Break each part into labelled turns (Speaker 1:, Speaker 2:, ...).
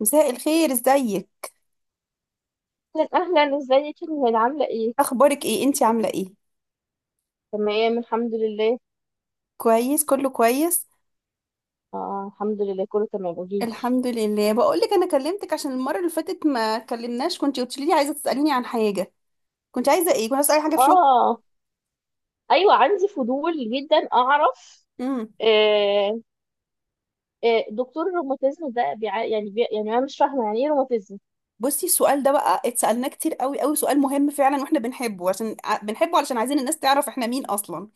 Speaker 1: مساء الخير، ازيك؟
Speaker 2: اهلا اهلا، ازيك يا نهال؟ عامله ايه؟
Speaker 1: اخبارك ايه؟ انتي عامله ايه؟
Speaker 2: تمام، الحمد لله.
Speaker 1: كويس، كله كويس.
Speaker 2: آه، الحمد لله، كله تمام. قوليلي.
Speaker 1: الحمد لله. بقول لك انا كلمتك عشان المره اللي فاتت ما كلمناش. كنت قلت لي عايزه تساليني عن حاجه. كنت عايزه ايه؟ كنت عايزه اي حاجه في شغل؟
Speaker 2: اه، ايوه، عندي فضول جدا اعرف.
Speaker 1: امم.
Speaker 2: آه، آه، دكتور الروماتيزم ده بيع... يعني بي... يعني انا مش فاهمه يعني ايه روماتيزم.
Speaker 1: بصي، السؤال ده بقى اتسالناه كتير قوي قوي، سؤال مهم فعلا، واحنا بنحبه عشان بنحبه علشان عايزين الناس تعرف احنا مين اصلا.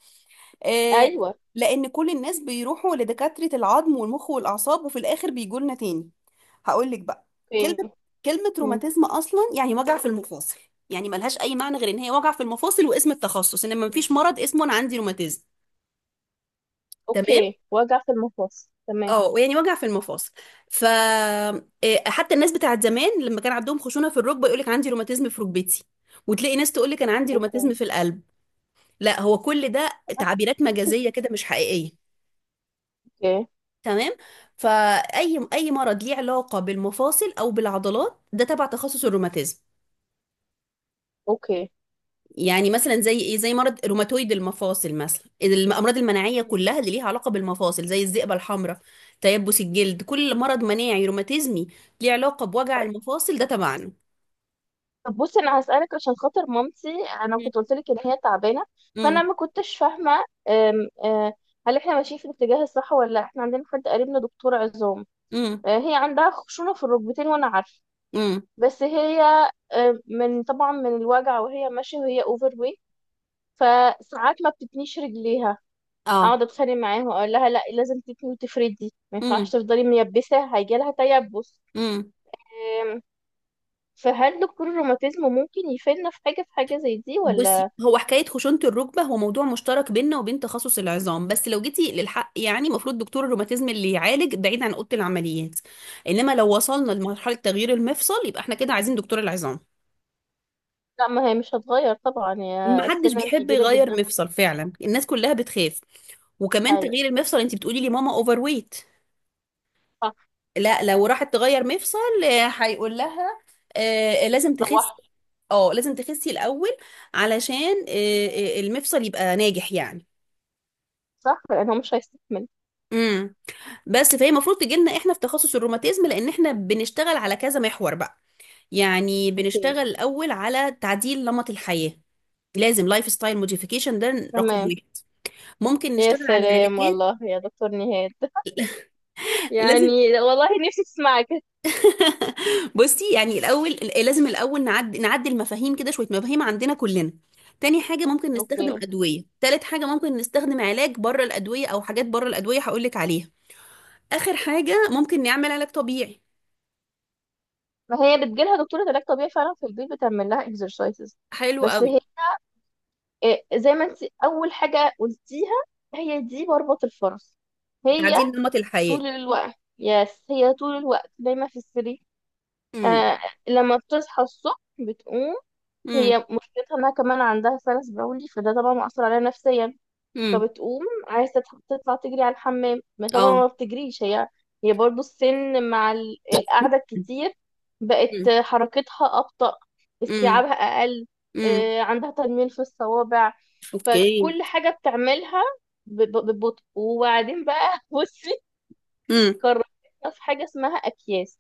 Speaker 1: آه.
Speaker 2: ايوه.
Speaker 1: لان كل الناس بيروحوا لدكاترة العظم والمخ والاعصاب، وفي الاخر بيجوا لنا تاني. هقول لك بقى.
Speaker 2: اوكي.
Speaker 1: كلمة كلمة
Speaker 2: مم.
Speaker 1: روماتيزم اصلا يعني وجع في المفاصل. يعني ملهاش اي معنى غير ان هي وجع في المفاصل، واسم التخصص ان
Speaker 2: ماشي.
Speaker 1: مفيش مرض اسمه انا عندي روماتيزم. تمام،
Speaker 2: اوكي، وجع في المفاصل، تمام.
Speaker 1: اه، يعني وجع في المفاصل. ف حتى الناس بتاعت زمان لما كان عندهم خشونه في الركبه يقول لك عندي روماتيزم في ركبتي، وتلاقي ناس تقول لك انا عندي
Speaker 2: اوكي.
Speaker 1: روماتيزم في القلب. لا، هو كل ده تعبيرات مجازيه كده، مش حقيقيه.
Speaker 2: اوكي.
Speaker 1: تمام. فاي مرض ليه علاقه بالمفاصل او بالعضلات ده تبع تخصص الروماتيزم.
Speaker 2: اوكي.
Speaker 1: يعني مثلا زي ايه؟ زي مرض روماتويد المفاصل مثلا، الامراض المناعيه
Speaker 2: مم.
Speaker 1: كلها اللي ليها علاقه بالمفاصل زي الذئبه الحمراء، تيبس الجلد. كل مرض مناعي روماتيزمي ليه علاقه بوجع المفاصل ده تبعنا.
Speaker 2: طب بصي، انا هسألك عشان خاطر مامتي. انا كنت قلت لك ان هي تعبانه، فانا
Speaker 1: امم.
Speaker 2: ما كنتش فاهمه. أم، أه، هل احنا ماشيين في الاتجاه الصح ولا لا؟ احنا عندنا حد قريبنا دكتور عظام.
Speaker 1: امم.
Speaker 2: هي عندها خشونه في الركبتين وانا عارفه،
Speaker 1: امم.
Speaker 2: بس هي من طبعا من الوجع وهي ماشيه وهي اوفر ويت، فساعات ما بتتنيش رجليها.
Speaker 1: اه.
Speaker 2: اقعد اتخانق معاها واقول لها لا، لازم تتني وتفردي، ما ينفعش تفضلي ميبسه هيجيلها تيبس.
Speaker 1: امم.
Speaker 2: أم، فهل دكتور الروماتيزم ممكن يفيدنا في حاجه زي دي
Speaker 1: بصي،
Speaker 2: ولا؟
Speaker 1: هو حكاية خشونة الركبة هو موضوع مشترك بيننا وبين تخصص العظام. بس لو جيتي للحق، يعني المفروض دكتور الروماتيزم اللي يعالج بعيد عن أوضة العمليات. إنما لو وصلنا لمرحلة تغيير المفصل، يبقى احنا كده عايزين دكتور العظام.
Speaker 2: لا، ما هي مش هتغير طبعا، يا
Speaker 1: محدش
Speaker 2: السنان
Speaker 1: بيحب
Speaker 2: كبيرة
Speaker 1: يغير
Speaker 2: جدا.
Speaker 1: مفصل فعلا، الناس كلها بتخاف. وكمان
Speaker 2: فهي
Speaker 1: تغيير المفصل، انت بتقولي لي ماما اوفر ويت. لا لو راحت تغير مفصل هيقول لها، لازم تخسي.
Speaker 2: لوحده.
Speaker 1: اه لازم تخسي الاول علشان المفصل يبقى ناجح يعني.
Speaker 2: صح، لأنه مش هيستحمل.
Speaker 1: امم. بس فهي المفروض تجي لنا احنا في تخصص الروماتيزم لان احنا بنشتغل على كذا محور بقى. يعني
Speaker 2: اوكي.
Speaker 1: بنشتغل الاول على تعديل نمط الحياة. لازم لايف ستايل موديفيكيشن، ده رقم
Speaker 2: تمام.
Speaker 1: واحد. ممكن
Speaker 2: يا
Speaker 1: نشتغل على
Speaker 2: سلام
Speaker 1: العلاجات.
Speaker 2: والله يا دكتور نهاد
Speaker 1: لازم.
Speaker 2: يعني لا والله، نفسي تسمعك.
Speaker 1: بصي، يعني الاول لازم الاول نعدي المفاهيم كده، شويه مفاهيم عندنا كلنا. تاني حاجه ممكن نستخدم
Speaker 2: اوكي.
Speaker 1: ادويه. تالت حاجه ممكن نستخدم علاج بره الادويه، او حاجات بره الادويه هقول لك عليها. اخر حاجه ممكن نعمل علاج طبيعي.
Speaker 2: ما هي بتجيلها دكتورة علاج طبيعي فعلا في البيت، بتعمل لها اكسرسايزز.
Speaker 1: حلو
Speaker 2: بس
Speaker 1: قوي.
Speaker 2: هي إيه، زي ما انت اول حاجة قلتيها، هي دي مربط الفرس. هي
Speaker 1: تعديل نمط الحياة.
Speaker 2: طول الوقت يس هي طول الوقت دايما في السرير.
Speaker 1: امم.
Speaker 2: آه، لما بتصحى الصبح بتقوم. هي
Speaker 1: امم.
Speaker 2: مشكلتها انها كمان عندها سلس بولي، فده طبعا مأثر عليها نفسيا.
Speaker 1: امم.
Speaker 2: فبتقوم عايزة تطلع تجري على الحمام، ما طبعا
Speaker 1: اه.
Speaker 2: ما بتجريش هي. هي برضو السن مع القعدة الكتير بقت
Speaker 1: امم.
Speaker 2: حركتها أبطأ،
Speaker 1: امم.
Speaker 2: استيعابها أقل.
Speaker 1: امم.
Speaker 2: عندها تنميل في الصوابع،
Speaker 1: اوكي.
Speaker 2: فكل حاجة بتعملها ببطء. وبعدين بقى بصي،
Speaker 1: امم.
Speaker 2: قررت، في حاجة اسمها أكياس،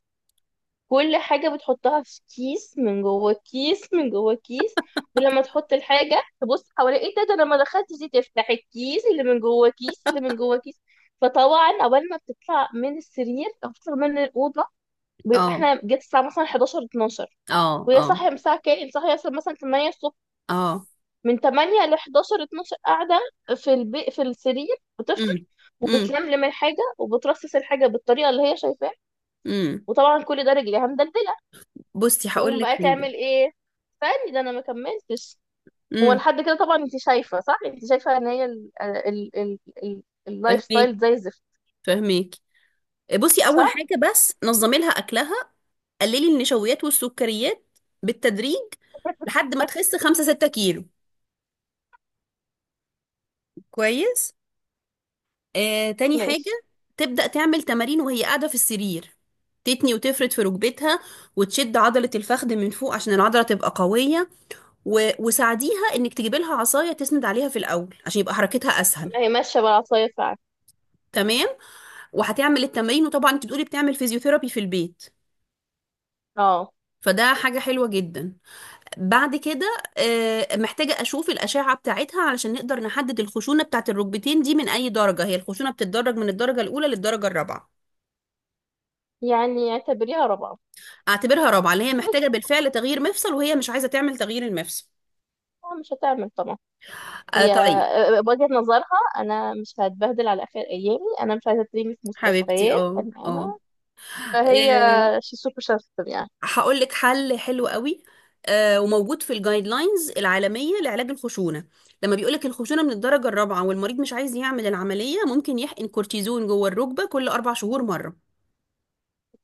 Speaker 2: كل حاجة بتحطها في كيس من جوه الكيس من جوه الكيس. ولما تحط الحاجة تبص حواليها، ايه ده؟ ده انا ما دخلتش دي، تفتح الكيس اللي من جوه كيس اللي من جوه كيس. فطبعا اول ما بتطلع من السرير او بتطلع من الأوضة بيبقى
Speaker 1: اه.
Speaker 2: احنا جت الساعة مثلا 11 12.
Speaker 1: اه.
Speaker 2: وهي
Speaker 1: اه.
Speaker 2: صاحية من الساعة كام؟ صاحية مثلا 8 الصبح.
Speaker 1: اه.
Speaker 2: من 8 ل 11 12 قاعدة في السرير بتفطر،
Speaker 1: امم. امم.
Speaker 2: وبتلملم الحاجة وبترصص الحاجة بالطريقة اللي هي شايفاها.
Speaker 1: امم.
Speaker 2: وطبعا كل ده رجليها مدلدلة.
Speaker 1: بصي هقول
Speaker 2: تقوم
Speaker 1: لك
Speaker 2: بقى
Speaker 1: حاجه.
Speaker 2: تعمل ايه؟ استني ده انا ما كملتش. هو
Speaker 1: امم.
Speaker 2: لحد كده طبعا انت شايفه، صح؟ انت شايفه ان هي اللايف
Speaker 1: فهميك
Speaker 2: ستايل زي الزفت.
Speaker 1: فهميك. بصي، اول
Speaker 2: صح.
Speaker 1: حاجه بس نظمي لها اكلها. قللي النشويات والسكريات بالتدريج لحد ما تخس 5 6 كيلو. كويس. تاني
Speaker 2: ماشي،
Speaker 1: حاجة، تبدأ تعمل تمارين وهي قاعدة في السرير. تتني وتفرد في ركبتها وتشد عضلة الفخذ من فوق عشان العضلة تبقى قوية. وساعديها انك تجيبي لها عصاية تسند عليها في الأول عشان يبقى حركتها أسهل.
Speaker 2: ما هي ماشيه بالعصايه فعلا.
Speaker 1: تمام. وهتعمل التمارين، وطبعا انت بتقولي بتعمل فيزيوثيرابي في البيت،
Speaker 2: اه،
Speaker 1: فده حاجة حلوة جدا. بعد كده محتاجة أشوف الأشعة بتاعتها علشان نقدر نحدد الخشونة بتاعت الركبتين دي من أي درجة. هي الخشونة بتتدرج من الدرجة الأولى للدرجة الرابعة.
Speaker 2: يعني اعتبريها رابعه.
Speaker 1: اعتبرها رابعة، اللي هي محتاجة بالفعل تغيير مفصل، وهي مش عايزة تعمل تغيير المفصل.
Speaker 2: مش هتعمل طبعا.
Speaker 1: آه
Speaker 2: هي
Speaker 1: طيب.
Speaker 2: وجهة نظرها انا مش هتبهدل على اخر ايامي، انا مش عايزه تريني في
Speaker 1: حبيبتي،
Speaker 2: مستشفيات،
Speaker 1: اه،
Speaker 2: انا
Speaker 1: اه.
Speaker 2: انا
Speaker 1: آه،
Speaker 2: فهي شي سوبر سنسيتيف يعني.
Speaker 1: هقول لك حل حلو قوي، وموجود في الجايد لاينز العالمية لعلاج الخشونة. لما بيقولك الخشونة من الدرجة الرابعة والمريض مش عايز يعمل العملية، ممكن يحقن كورتيزون جوه الركبة كل أربع شهور مرة.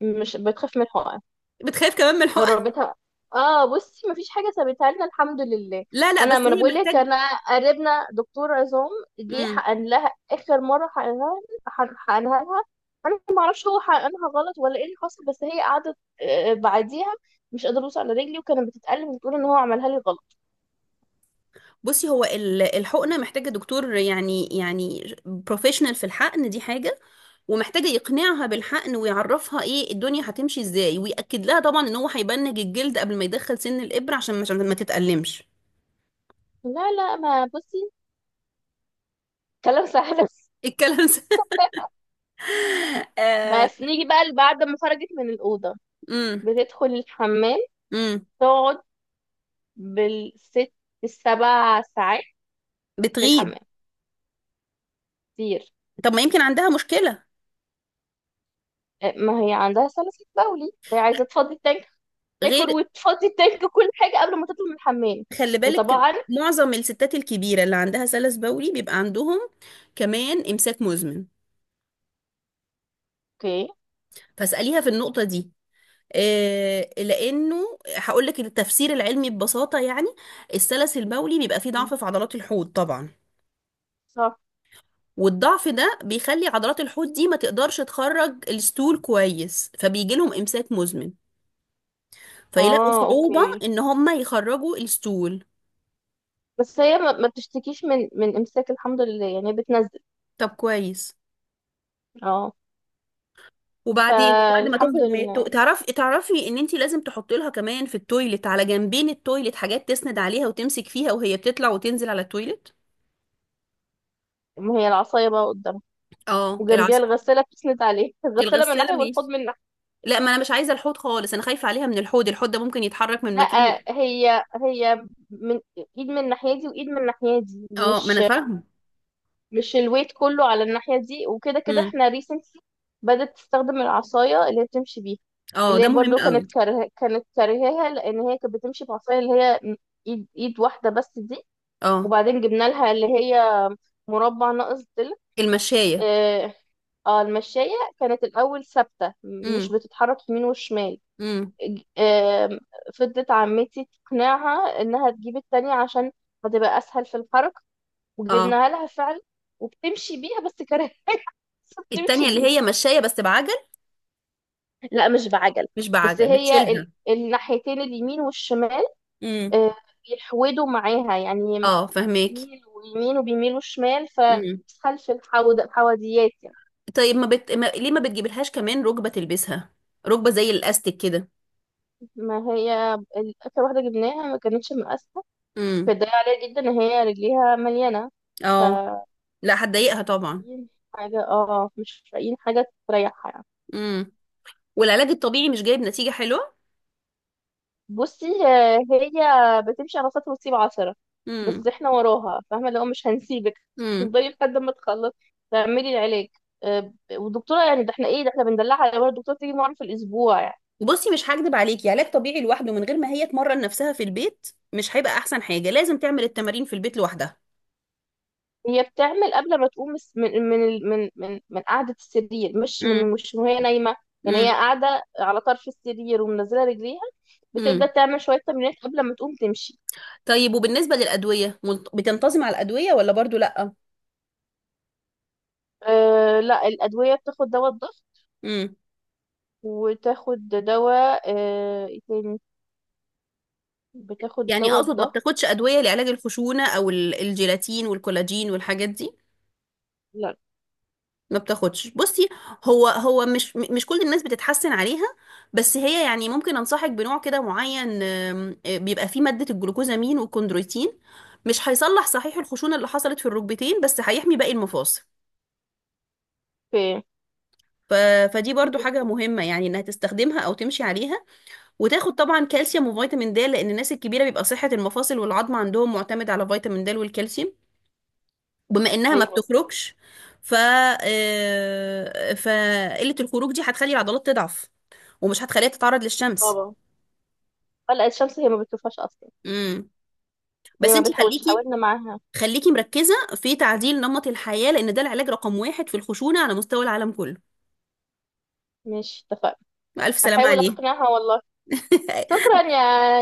Speaker 2: مش بتخاف من الحقن؟
Speaker 1: بتخاف كمان من الحقن.
Speaker 2: جربتها. اه بصي، مفيش حاجه سابتها لنا الحمد لله.
Speaker 1: لا لا،
Speaker 2: انا
Speaker 1: بس
Speaker 2: ما انا
Speaker 1: هي
Speaker 2: بقول لك،
Speaker 1: محتاج.
Speaker 2: انا قريبنا دكتور عظام، جه حقن لها اخر مره حقنها، حقنها لها. انا ما اعرفش هو حقنها غلط ولا ايه اللي حصل، بس هي قعدت بعديها مش قادره اوصل على رجلي، وكانت بتتألم، بتقول ان هو عملها لي غلط.
Speaker 1: بصي، هو الحقنة محتاجة دكتور، يعني بروفيشنال، في الحقن دي حاجة. ومحتاجة يقنعها بالحقن ويعرفها ايه الدنيا هتمشي ازاي، ويأكد لها طبعا ان هو هيبنج الجلد قبل ما يدخل سن الإبرة عشان ما تتألمش.
Speaker 2: لا لا، ما بصي كلام سهل.
Speaker 1: الكلام ده. آه.
Speaker 2: بس نيجي بقى بعد ما خرجت من الأوضة
Speaker 1: امم.
Speaker 2: بتدخل الحمام،
Speaker 1: امم.
Speaker 2: تقعد بالست السبع ساعات في
Speaker 1: بتغيب.
Speaker 2: الحمام كتير.
Speaker 1: طب ما يمكن عندها مشكلة
Speaker 2: ما هي عندها سلاسل بولي فهي عايزه تفضي التانك، تاكل
Speaker 1: غير،
Speaker 2: وتفضي التانك كل حاجه قبل ما تطلع من الحمام.
Speaker 1: خلي بالك.
Speaker 2: وطبعا.
Speaker 1: معظم الستات الكبيرة اللي عندها سلس بولي بيبقى عندهم كمان إمساك مزمن.
Speaker 2: اوكي.
Speaker 1: فاسأليها في النقطة دي. لانه هقول لك التفسير العلمي ببساطه يعني، السلس المولي بيبقى فيه ضعف في عضلات الحوض طبعا،
Speaker 2: صح.
Speaker 1: والضعف ده بيخلي عضلات الحوض دي ما تقدرش تخرج الستول كويس، فبيجي لهم امساك مزمن، فيلاقوا
Speaker 2: اه.
Speaker 1: صعوبة
Speaker 2: اوكي.
Speaker 1: ان هم يخرجوا الستول.
Speaker 2: بس هي ما بتشتكيش من امساك الحمد لله، يعني بتنزل.
Speaker 1: طب كويس.
Speaker 2: اه،
Speaker 1: وبعدين بعد ما
Speaker 2: فالحمد
Speaker 1: تخرج من
Speaker 2: لله.
Speaker 1: تعرفي ان انت لازم تحط لها كمان في التويلت على جنبين التويلت حاجات تسند عليها وتمسك فيها وهي بتطلع وتنزل على التويلت.
Speaker 2: ما هي العصايه بقى قدامها،
Speaker 1: اه
Speaker 2: وجنبيها
Speaker 1: العصا.
Speaker 2: الغساله بتسند عليه، الغساله من
Speaker 1: الغسالة
Speaker 2: ناحيه والحوض
Speaker 1: ماشي.
Speaker 2: من ناحيه.
Speaker 1: لا، ما انا مش عايزه الحوض خالص، انا خايفه عليها من الحوض. الحوض ده ممكن يتحرك من
Speaker 2: لا،
Speaker 1: مكان.
Speaker 2: هي من ايد من الناحيه دي وايد من الناحيه دي،
Speaker 1: اه ما انا
Speaker 2: مش
Speaker 1: فاهمه.
Speaker 2: مش الويت كله على الناحية دي. وكده كده
Speaker 1: امم.
Speaker 2: احنا ريسنتلي بدأت تستخدم العصاية اللي هي بتمشي بيها،
Speaker 1: اه
Speaker 2: اللي
Speaker 1: ده
Speaker 2: هي
Speaker 1: مهم
Speaker 2: برضو
Speaker 1: قوي.
Speaker 2: كانت كانت كارهاها، لأن هي كانت بتمشي بعصاية اللي هي ايد واحدة بس دي.
Speaker 1: اه
Speaker 2: وبعدين جبنا لها اللي هي مربع ناقص ضلع.
Speaker 1: المشايه.
Speaker 2: اه. المشاية كانت الأول ثابتة مش
Speaker 1: امم.
Speaker 2: بتتحرك يمين وشمال.
Speaker 1: امم.
Speaker 2: ج- آه، فضلت عمتي تقنعها إنها تجيب التانية عشان هتبقى أسهل في الحركة،
Speaker 1: اه
Speaker 2: وجبناها لها فعلا، وبتمشي بيها بس كارهة بتمشي
Speaker 1: التانية اللي
Speaker 2: بيها.
Speaker 1: هي مشايه بس بعجل؟
Speaker 2: لا، مش بعجل،
Speaker 1: مش
Speaker 2: بس
Speaker 1: بعجل،
Speaker 2: هي
Speaker 1: بتشيلها.
Speaker 2: الناحيتين اليمين والشمال،
Speaker 1: امم.
Speaker 2: آه، بيحودوا معاها يعني،
Speaker 1: اه فهماكي.
Speaker 2: بيميلوا يمين وبيميلوا شمال،
Speaker 1: امم.
Speaker 2: فخلف الحوض الحواديات يعني.
Speaker 1: طيب، ما ليه ما بتجيبلهاش كمان ركبه تلبسها؟ ركبه زي الاستيك كده.
Speaker 2: ما هي آخر واحدة جبناها ما كانتش مقاسة،
Speaker 1: امم.
Speaker 2: فده عليها جدا ان هي رجليها مليانة. ف
Speaker 1: اه. لا هتضايقها طبعا.
Speaker 2: حاجة، اه مش لاقيين حاجة تريحها يعني.
Speaker 1: امم. والعلاج الطبيعي مش جايب نتيجه حلوه؟
Speaker 2: بصي، هي بتمشي على سطر وتسيب 10، بس
Speaker 1: امم.
Speaker 2: احنا وراها فاهمة اللي هو مش هنسيبك.
Speaker 1: امم.
Speaker 2: تفضلي لحد ما تخلص، تعملي العلاج. والدكتورة يعني، ده احنا ايه؟ ده احنا بندلعها، يا الدكتورة تيجي مرة في الأسبوع يعني.
Speaker 1: بصي، مش هكدب عليكي، علاج طبيعي لوحده من غير ما هي تمرن نفسها في البيت مش هيبقى احسن حاجة. لازم تعمل التمارين في البيت لوحدها.
Speaker 2: هي بتعمل قبل ما تقوم من قعدة السرير، مش من،
Speaker 1: امم.
Speaker 2: مش وهي نايمة. يعني
Speaker 1: امم.
Speaker 2: هي قاعدة على طرف السرير ومنزلة رجليها، بتبدأ
Speaker 1: امم.
Speaker 2: تعمل شوية تمرينات قبل ما تقوم تمشي.
Speaker 1: طيب، وبالنسبة للأدوية، بتنتظم على الأدوية ولا برضو لأ؟
Speaker 2: أه لا، الأدوية بتاخد دواء الضغط،
Speaker 1: امم.
Speaker 2: وتاخد دواء بتاخد
Speaker 1: يعني
Speaker 2: دواء
Speaker 1: اقصد ما
Speaker 2: الضغط.
Speaker 1: بتاخدش أدوية لعلاج الخشونة او الجيلاتين والكولاجين والحاجات دي؟
Speaker 2: لا.
Speaker 1: ما بتاخدش. بصي، هو مش كل الناس بتتحسن عليها، بس هي يعني ممكن انصحك بنوع كده معين، آم، آه، بيبقى فيه مادة الجلوكوزامين والكوندرويتين. مش هيصلح صحيح الخشونة اللي حصلت في الركبتين، بس هيحمي باقي المفاصل.
Speaker 2: في
Speaker 1: ف... فدي برضو حاجة
Speaker 2: انتستين.
Speaker 1: مهمة يعني، انها تستخدمها او تمشي عليها. وتاخد طبعا كالسيوم وفيتامين د لان الناس الكبيرة بيبقى صحة المفاصل والعظم عندهم معتمد على فيتامين د والكالسيوم. بما انها ما
Speaker 2: ايوه.
Speaker 1: بتخرجش ف آه، فقله الخروج دي هتخلي العضلات تضعف، ومش هتخليها تتعرض للشمس.
Speaker 2: طبعا. قلقة الشمس، هي ما بتشوفهاش اصلا.
Speaker 1: امم.
Speaker 2: هي
Speaker 1: بس
Speaker 2: ما
Speaker 1: انت
Speaker 2: بتحاولش،
Speaker 1: خليكي
Speaker 2: حاولنا معاها.
Speaker 1: خليكي مركزه في تعديل نمط الحياه، لان ده العلاج رقم واحد في الخشونه على مستوى العالم كله.
Speaker 2: مش اتفقنا.
Speaker 1: الف سلامه
Speaker 2: هحاول
Speaker 1: عليه.
Speaker 2: اقنعها والله. شكرا يا،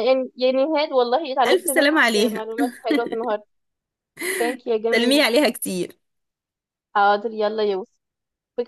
Speaker 2: يعني يا نهاد والله
Speaker 1: الف
Speaker 2: اتعلمت منك
Speaker 1: سلامه عليها.
Speaker 2: معلومات حلوة النهارده. ثانك يا
Speaker 1: سلمي
Speaker 2: جميل.
Speaker 1: عليها كتير.
Speaker 2: حاضر يلا يا يوسف.